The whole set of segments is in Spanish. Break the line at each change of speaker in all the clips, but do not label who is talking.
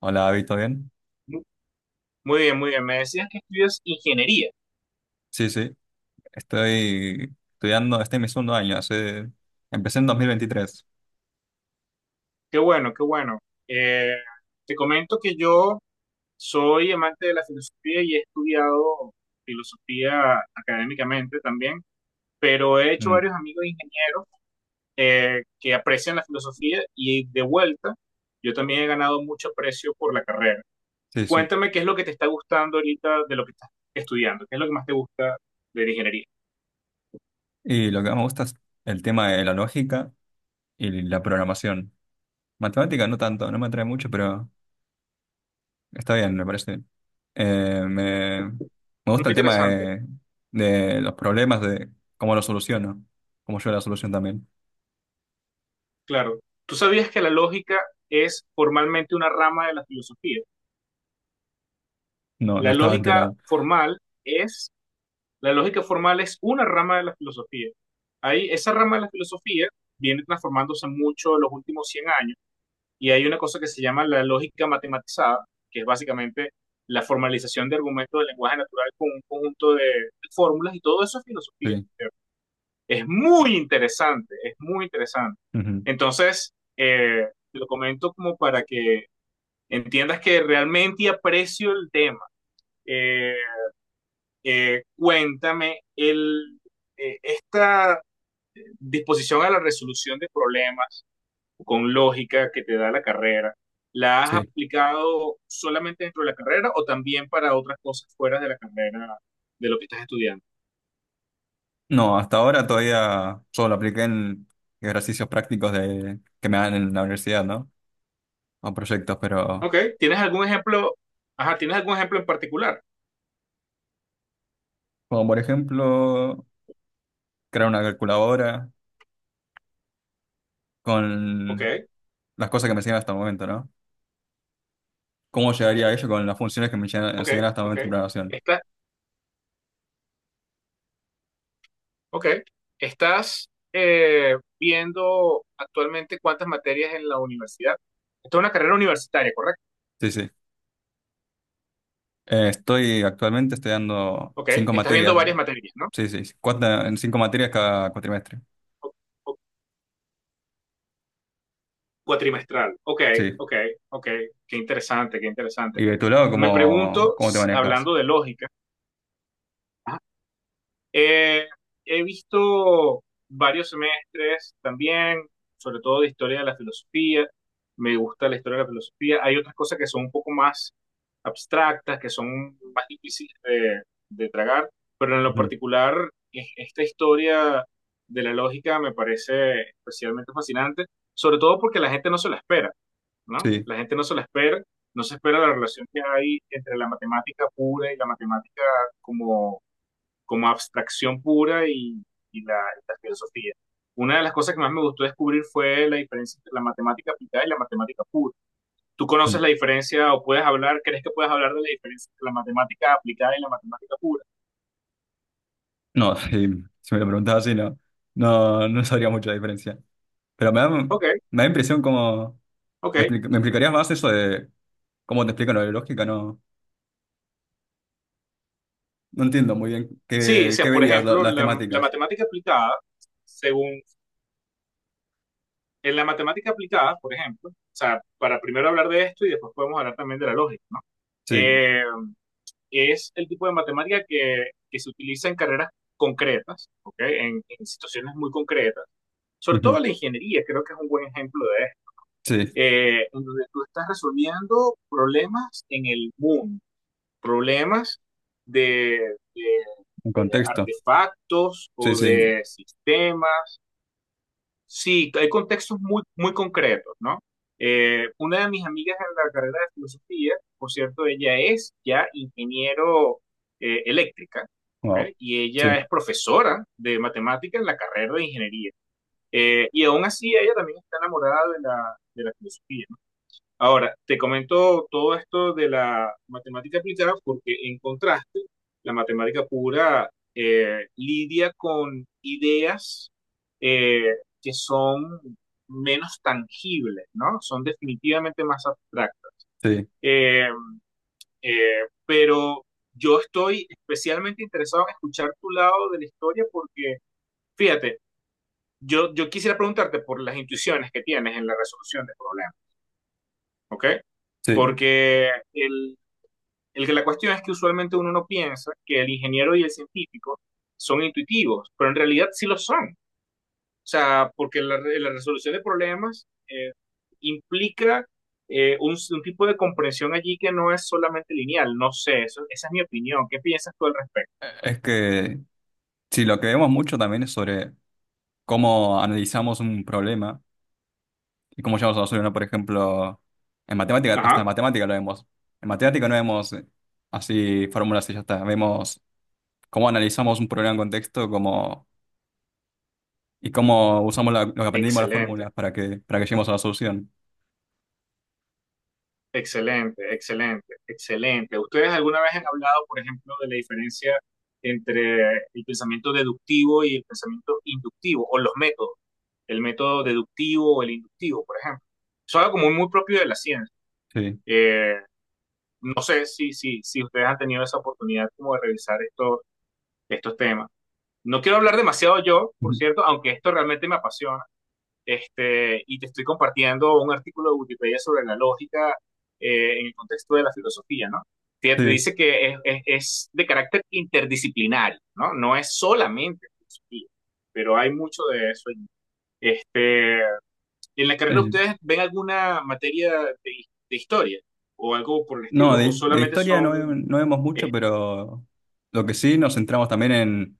Hola, David, ¿todo bien?
Mu- Muy bien, muy bien. Me decías que estudias ingeniería.
Sí, sí, estoy estudiando, este es mi segundo año, empecé en 2023.
Qué bueno, qué bueno. Eh, Te comento que yo soy amante de la filosofía y he estudiado filosofía académicamente también, pero he hecho
Mm,
varios amigos ingenieros que aprecian la filosofía y de vuelta yo también he ganado mucho aprecio por la carrera.
sí, sí.
Cuéntame qué es lo que te está gustando ahorita de lo que estás estudiando, qué es lo que más te gusta de la ingeniería.
Y lo que más me gusta es el tema de la lógica y la programación. Matemática no tanto, no me atrae mucho, pero está bien, me parece bien. Me
Muy
gusta el tema
interesante.
de los problemas, de cómo los soluciono, cómo yo la solución también.
Claro. ¿Tú sabías que la lógica es formalmente una rama de la filosofía?
No, no
La
estaba
lógica
enterado.
formal es, la lógica formal es una rama de la filosofía. Ahí, esa rama de la filosofía viene transformándose mucho en los últimos 100 años y hay una cosa que se llama la lógica matematizada, que es básicamente la formalización de argumentos del lenguaje natural con un conjunto de fórmulas y todo eso es filosofía.
Sí,
Es muy interesante, es muy interesante.
ujú,
Entonces, te lo comento como para que entiendas que realmente aprecio el tema. Eh, eh, cuéntame, el, Esta disposición a la resolución de problemas con lógica que te da la carrera, ¿la has
sí.
aplicado solamente dentro de la carrera o también para otras cosas fuera de la carrera de lo que estás estudiando?
No, hasta ahora todavía solo apliqué en ejercicios prácticos que me dan en la universidad, ¿no? O proyectos, pero
Ok, ¿tienes algún ejemplo? Ajá, ¿tienes algún ejemplo en particular?
como por ejemplo crear una calculadora
Ok,
con las cosas que me enseñan hasta el momento, ¿no? ¿Cómo llegaría a ello con las funciones que me enseñan
ok,
enseñan hasta el
ok.
momento en programación?
Esta, Ok. ¿Estás viendo actualmente cuántas materias en la universidad? Esto es una carrera universitaria, ¿correcto?
Sí, sí. Estoy actualmente estoy dando
Ok.
cinco
Estás viendo
materias,
varias materias, ¿no?
sí, sí, sí, cuatro, en cinco materias cada cuatrimestre,
O- o- Cuatrimestral. Ok,
sí.
ok, ok. Qué interesante, qué interesante.
¿Y de tu lado
Me
cómo,
pregunto,
cómo te manejas?
hablando de lógica, Eh, he visto varios semestres también, sobre todo de historia de la filosofía. Me gusta la historia de la filosofía. Hay otras cosas que son un poco más abstractas, que son más difíciles de tragar, pero en lo
Ujú,
particular, esta historia de la lógica me parece especialmente fascinante, sobre todo porque la gente no se la espera, ¿no?
sí.
La gente no se la espera, no se espera la relación que hay entre la matemática pura y la matemática como abstracción pura y la filosofía. Una de las cosas que más me gustó descubrir fue la diferencia entre la matemática aplicada y la matemática pura. ¿Tú conoces la diferencia o puedes hablar, crees que puedes hablar de la diferencia entre la matemática aplicada y la matemática pura?
No, si me lo preguntabas así, no, no sabría mucho la diferencia. Pero me da, me
Ok,
da impresión como.
ok.
¿Me explicarías más eso de cómo te explican lo de lógica? No, no entiendo muy bien
Sí, o
qué
sea, por
verías, la-
ejemplo,
las
la
temáticas.
matemática aplicada, según, en la matemática aplicada, por ejemplo, o sea, para primero hablar de esto y después podemos hablar también de la lógica, ¿no?
Sí,
Eh, es el tipo de matemática que se utiliza en carreras concretas, ¿okay? En situaciones muy concretas. Sobre
ujú,
todo la ingeniería, creo que es un buen ejemplo de esto,
sí,
en donde tú estás resolviendo problemas en el mundo, problemas de, de,
un
de
contexto.
artefactos
Sí,
o
sí,
de sistemas. Sí, hay contextos muy, muy concretos, ¿no? Una de mis amigas en la carrera de filosofía, por cierto, ella es ya ingeniero eléctrica, ¿ok?
wow.
Y
Sí,
ella es profesora de matemáticas en la carrera de ingeniería. Y aún así ella también está enamorada de de la filosofía. Ahora, te comento todo esto de la matemática aplicada porque en contraste, la matemática pura lidia con ideas eh, que son menos tangibles, ¿no? Son definitivamente más abstractas.
sí,
Eh, pero yo estoy especialmente interesado en escuchar tu lado de la historia porque, fíjate, yo quisiera preguntarte por las intuiciones que tienes en la resolución de problemas, ¿ok?
sí.
Porque el que la cuestión es que usualmente uno no piensa que el ingeniero y el científico son intuitivos, pero en realidad sí lo son. O sea, porque la resolución de problemas implica un tipo de comprensión allí que no es solamente lineal. No sé, esa es mi opinión. ¿Qué piensas tú al respecto?
Es que, sí, lo que vemos mucho también es sobre cómo analizamos un problema. ¿Y cómo llegamos a la solución? Por ejemplo, en matemática, hasta en
Ajá.
matemática lo vemos. En matemática no vemos así fórmulas y ya está. Vemos cómo analizamos un problema en contexto, y cómo usamos lo que aprendimos de las
Excelente.
fórmulas para que, lleguemos a la solución.
Excelente, excelente, excelente. ¿Ustedes alguna vez han hablado, por ejemplo, de la diferencia entre el pensamiento deductivo y el pensamiento inductivo, o los métodos, el método deductivo o el inductivo, por ejemplo? Eso es algo como muy propio de la ciencia.
Sí.
Eh, no sé si ustedes han tenido esa oportunidad como de revisar estos temas. No quiero hablar demasiado yo, por cierto, aunque esto realmente me apasiona. Este, y te estoy compartiendo un artículo de Wikipedia sobre la lógica en el contexto de la filosofía, ¿no? Te
Sí.
dice que es de carácter interdisciplinario, ¿no? No es solamente filosofía, pero hay mucho de eso. Este, ¿en la carrera
El-
ustedes ven alguna materia de historia o algo por el
no,
estilo? ¿O
de
solamente
historia no,
son,
no vemos mucho,
eh,
pero lo que sí nos centramos también en,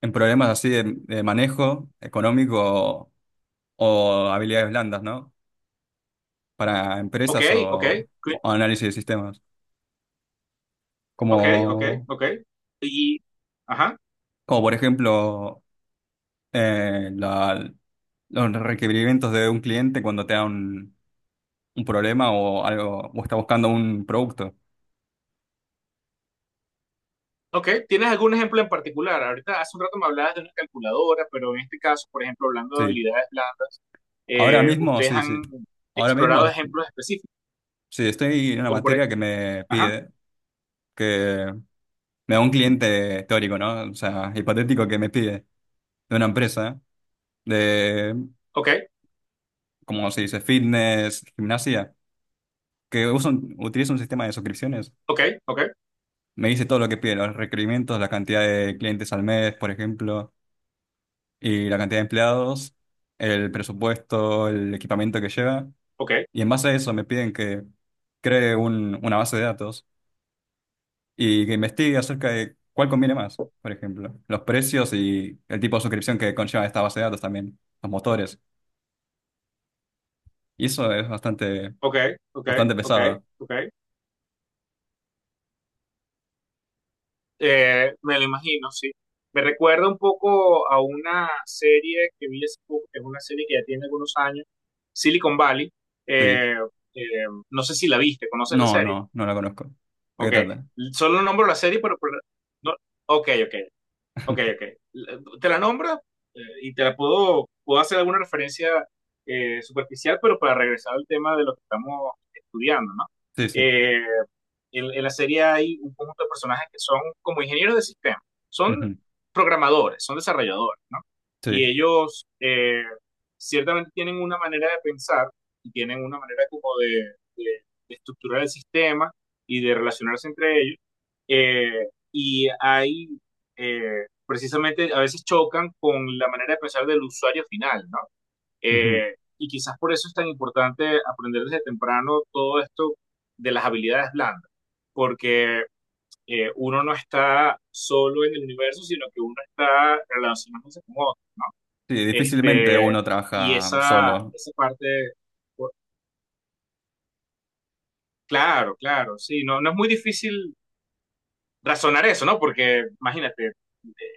en problemas así de manejo económico o habilidades blandas, ¿no? Para
ok,
empresas
ok,
o análisis de sistemas.
ok, ok,
como,
ok, y, ajá?
como por ejemplo eh, la- los requerimientos de un cliente cuando te da un problema o algo, o está buscando un producto.
Ok, ¿tienes algún ejemplo en particular? Ahorita hace un rato me hablabas de una calculadora, pero en este caso, por ejemplo, hablando de
Sí.
habilidades blandas,
Ahora mismo,
ustedes
sí,
han
sí. Ahora mismo,
explorado ejemplos específicos,
sí, estoy en una
como por
materia
ejemplo, ajá,
que me da un cliente teórico, ¿no? O sea, hipotético que me pide de una empresa de,
ok,
como se dice, fitness, gimnasia, que usa utiliza un sistema de suscripciones.
ok, ok,
Me dice todo lo que pide, los requerimientos, la cantidad de clientes al mes, por ejemplo, y la cantidad de empleados, el presupuesto, el equipamiento que lleva.
ok,
Y en base a eso me piden que cree una base de datos y que investigue acerca de cuál conviene más, por ejemplo, los precios y el tipo de suscripción que conlleva esta base de datos también, los motores. Y eso es bastante,
ok, ok,
bastante
ok,
pesado.
ok. Me lo imagino, sí. Me recuerda un poco a una serie que vi hace poco, que es una serie que ya tiene algunos años, Silicon Valley.
Sí.
Eh, eh, no sé si la viste, ¿conoces la
No,
serie?
no, no la conozco. ¿De qué
Ok,
trata?
solo nombro la serie, pero no, ok, ok. Ok, ok. Te la nombra y te la puedo hacer alguna referencia superficial, pero para regresar al tema de lo que estamos estudiando, ¿no?
Sí, sí.
Eh, en la serie hay un conjunto de personajes que son como ingenieros de sistema, son
Ujú.
programadores, son desarrolladores, ¿no? Y
Sí.
ellos ciertamente tienen una manera de pensar y tienen una manera como de, de estructurar el sistema y de relacionarse entre ellos. eh, y hay, Precisamente, a veces chocan con la manera de pensar del usuario final, ¿no? Y quizás por eso es tan importante aprender desde temprano todo esto de las habilidades blandas, porque uno no está solo en el universo, sino que uno está relacionándose con otros, ¿no?
Sí, difícilmente
Este,
uno
y
trabaja solo.
esa parte, por- claro, claro, sí, no, no es muy difícil razonar eso, ¿no? Porque imagínate,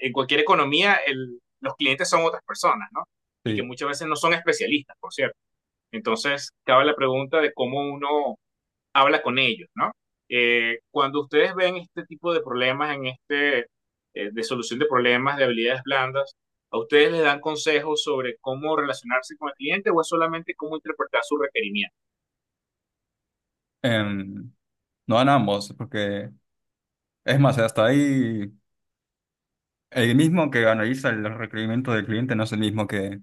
en cualquier economía los clientes son otras personas, ¿no? Y que
Sí.
muchas veces no son especialistas, por cierto. Entonces, cabe la pregunta de cómo uno habla con ellos, ¿no? Cuando ustedes ven este tipo de problemas en de solución de problemas de habilidades blandas, ¿a ustedes les dan consejos sobre cómo relacionarse con el cliente o es solamente cómo interpretar su requerimiento?
Em, no van ambos, porque es más, hasta ahí el mismo que analiza los requerimientos del cliente no es el mismo que,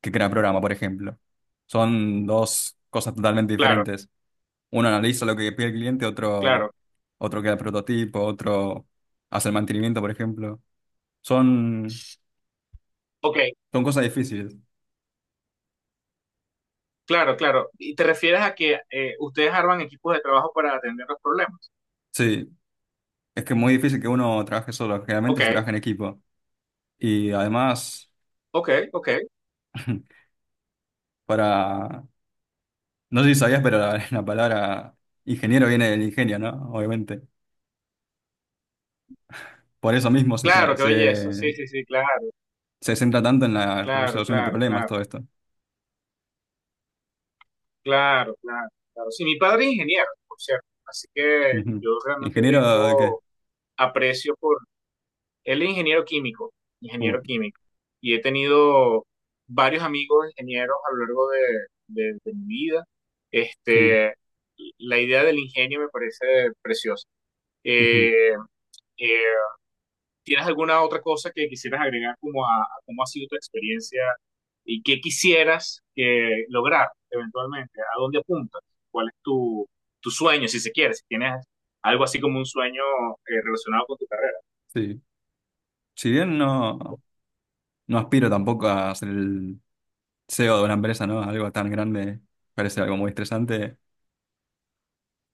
que crea programa, por ejemplo. Son dos cosas totalmente
Claro,
diferentes. Uno analiza lo que pide el cliente, otro,
claro.
otro crea el prototipo, otro hace el mantenimiento, por ejemplo. Son,
Ok,
son cosas difíciles.
claro, claro. ¿Y te refieres a que ustedes arman equipos de trabajo para atender los problemas?
Sí, es que es muy difícil que uno trabaje solo. Generalmente se
Ok,
trabaja en equipo. Y además,
ok, ok.
para, no sé si sabías, pero la, la palabra ingeniero viene del ingenio, ¿no? Obviamente. Por eso mismo se trae,
Claro, qué belleza. Sí,
se,
sí, sí, claro,
se centra tanto en la
claro,
resolución de
claro,
problemas,
claro,
todo esto.
claro, claro, claro. Sí, mi padre es ingeniero, por cierto. Así que
Ujú.
yo realmente
¿Ingeniero de qué?
tengo aprecio por... Él es
Uh,
ingeniero químico, y he tenido varios amigos ingenieros a lo largo de mi vida.
sí,
Este, la idea del ingenio me parece preciosa.
ujú,
Eh, eh, ¿Tienes alguna otra cosa que quisieras agregar como a cómo ha sido tu experiencia y qué quisieras que lograr eventualmente? ¿A dónde apuntas? ¿Cuál es tu, tu sueño, si se quiere? Si tienes algo así como un sueño relacionado con tu carrera.
sí. Si bien no, aspiro tampoco a ser el CEO de una empresa, ¿no? Algo tan grande, parece algo muy estresante.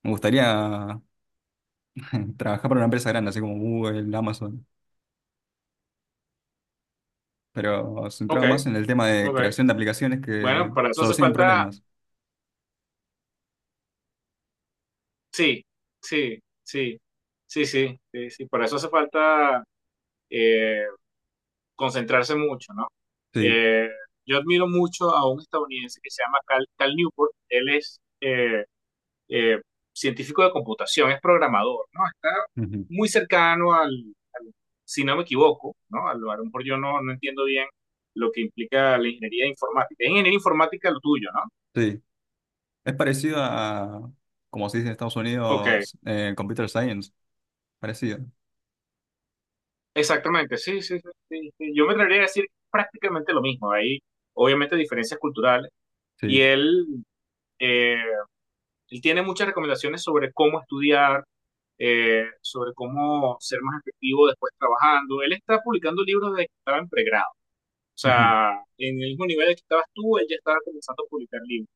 Me gustaría trabajar para una empresa grande, así como Google, Amazon, pero
Ok,
centrado más en el tema de
ok.
creación de aplicaciones
Bueno,
que
para eso hace
solucionen
falta,
problemas.
sí, sí, sí, sí, sí, sí, sí, para eso hace falta eh, concentrarse mucho, ¿no?
Sí,
Eh, yo admiro mucho a un estadounidense que se llama Cal, Cal Newport, él es eh, científico de computación, es programador, ¿no? Está
ujú,
muy cercano al- si no me equivoco, ¿no? A lo mejor yo no, no entiendo bien lo que implica la ingeniería informática. Es ingeniería informática lo tuyo, ¿no?
sí. Es parecido a, como se dice en Estados
Ok,
Unidos, Computer Science. Parecido.
exactamente, sí, sí, sí, sí, sí. Yo me atrevería a decir prácticamente lo mismo. Hay obviamente diferencias culturales y
Sí,
él, eh, él tiene muchas recomendaciones sobre cómo estudiar, sobre cómo ser más efectivo después trabajando. Él está publicando libros desde que estaba en pregrado. O
ujú,
sea, en el mismo nivel que estabas tú, él ya estaba comenzando a publicar libros.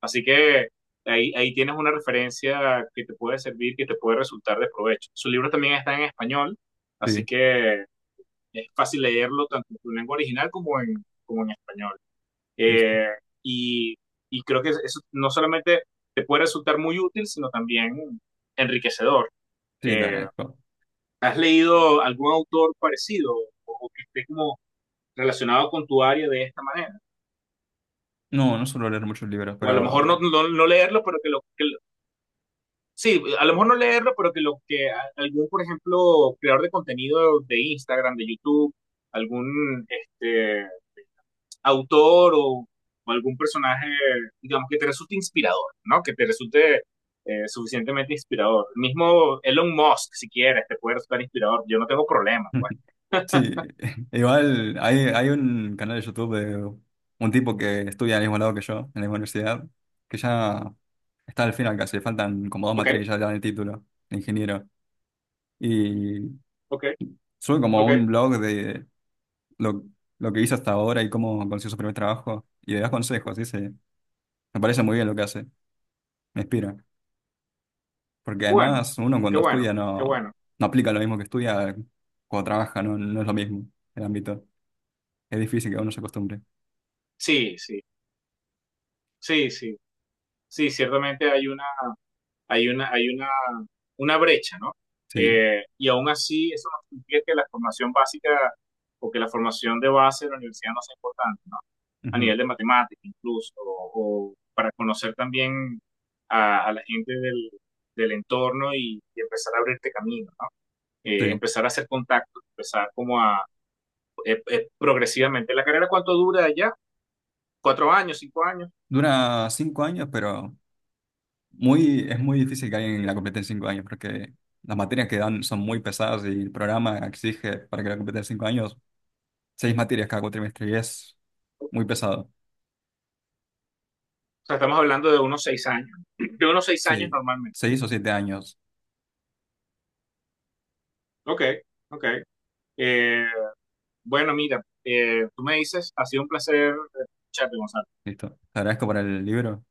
Así que ahí tienes una referencia que te puede servir, que te puede resultar de provecho. Sus libros también están en español, así
sí,
que es fácil leerlo tanto en tu lengua original como como en español.
listo.
Eh, y, y creo que eso no solamente te puede resultar muy útil, sino también enriquecedor.
Sí, te
Eh,
agradezco.
¿Has leído algún autor parecido o que esté como relacionado con tu área de esta manera?
No, no suelo leer muchos libros,
O a lo mejor
pero
no leerlo, pero que lo, sí, a lo mejor no leerlo, pero que algún, por ejemplo, creador de contenido de Instagram, de YouTube, algún este, autor o algún personaje, digamos, que te resulte inspirador, ¿no? Que te resulte suficientemente inspirador. Mismo Elon Musk, si quieres, te puede resultar inspirador. Yo no tengo problema, pues.
sí. Igual hay un canal de YouTube de un tipo que estudia al mismo lado que yo, en la misma universidad, que ya está al final casi, le faltan como dos
Ok,
materias y ya le dan el título de ingeniero. Y
ok,
sube como
ok.
un blog de lo, lo que hizo hasta ahora y cómo consiguió su primer trabajo y le das consejos, dice, me parece muy bien lo que hace, me inspira. Porque
Bueno,
además uno
qué
cuando
bueno,
estudia
qué
no,
bueno.
no, aplica lo mismo que estudia cuando trabaja, no es lo mismo el ámbito. Es difícil que uno se acostumbre.
Sí, sí, sí, sí. Sí, ciertamente hay una, hay una, hay una brecha, ¿no?
Sí,
Y aún así, eso no significa que la formación básica o que la formación de base de la universidad no sea importante, ¿no? A
ujú,
nivel de matemática incluso, o para conocer también a la gente del entorno y empezar a abrirte camino, ¿no?
sí.
Empezar a hacer contactos, empezar como a progresivamente. ¿La carrera cuánto dura allá? ¿4 años, 5 años?
Dura 5 años, pero es muy difícil que alguien la complete en 5 años porque las materias que dan son muy pesadas y el programa exige para que la complete en cinco años seis materias cada cuatrimestre y es muy pesado.
O sea, estamos hablando de unos 6 años, de unos seis años
Sí,
normalmente.
6 o 7 años.
Ok, ok. Eh, bueno, mira, tú me dices, ha sido un placer escucharte, Gonzalo,
Listo. Te agradezco por el libro.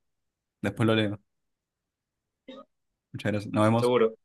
Después lo leo. Muchas gracias. Nos vemos.
seguro.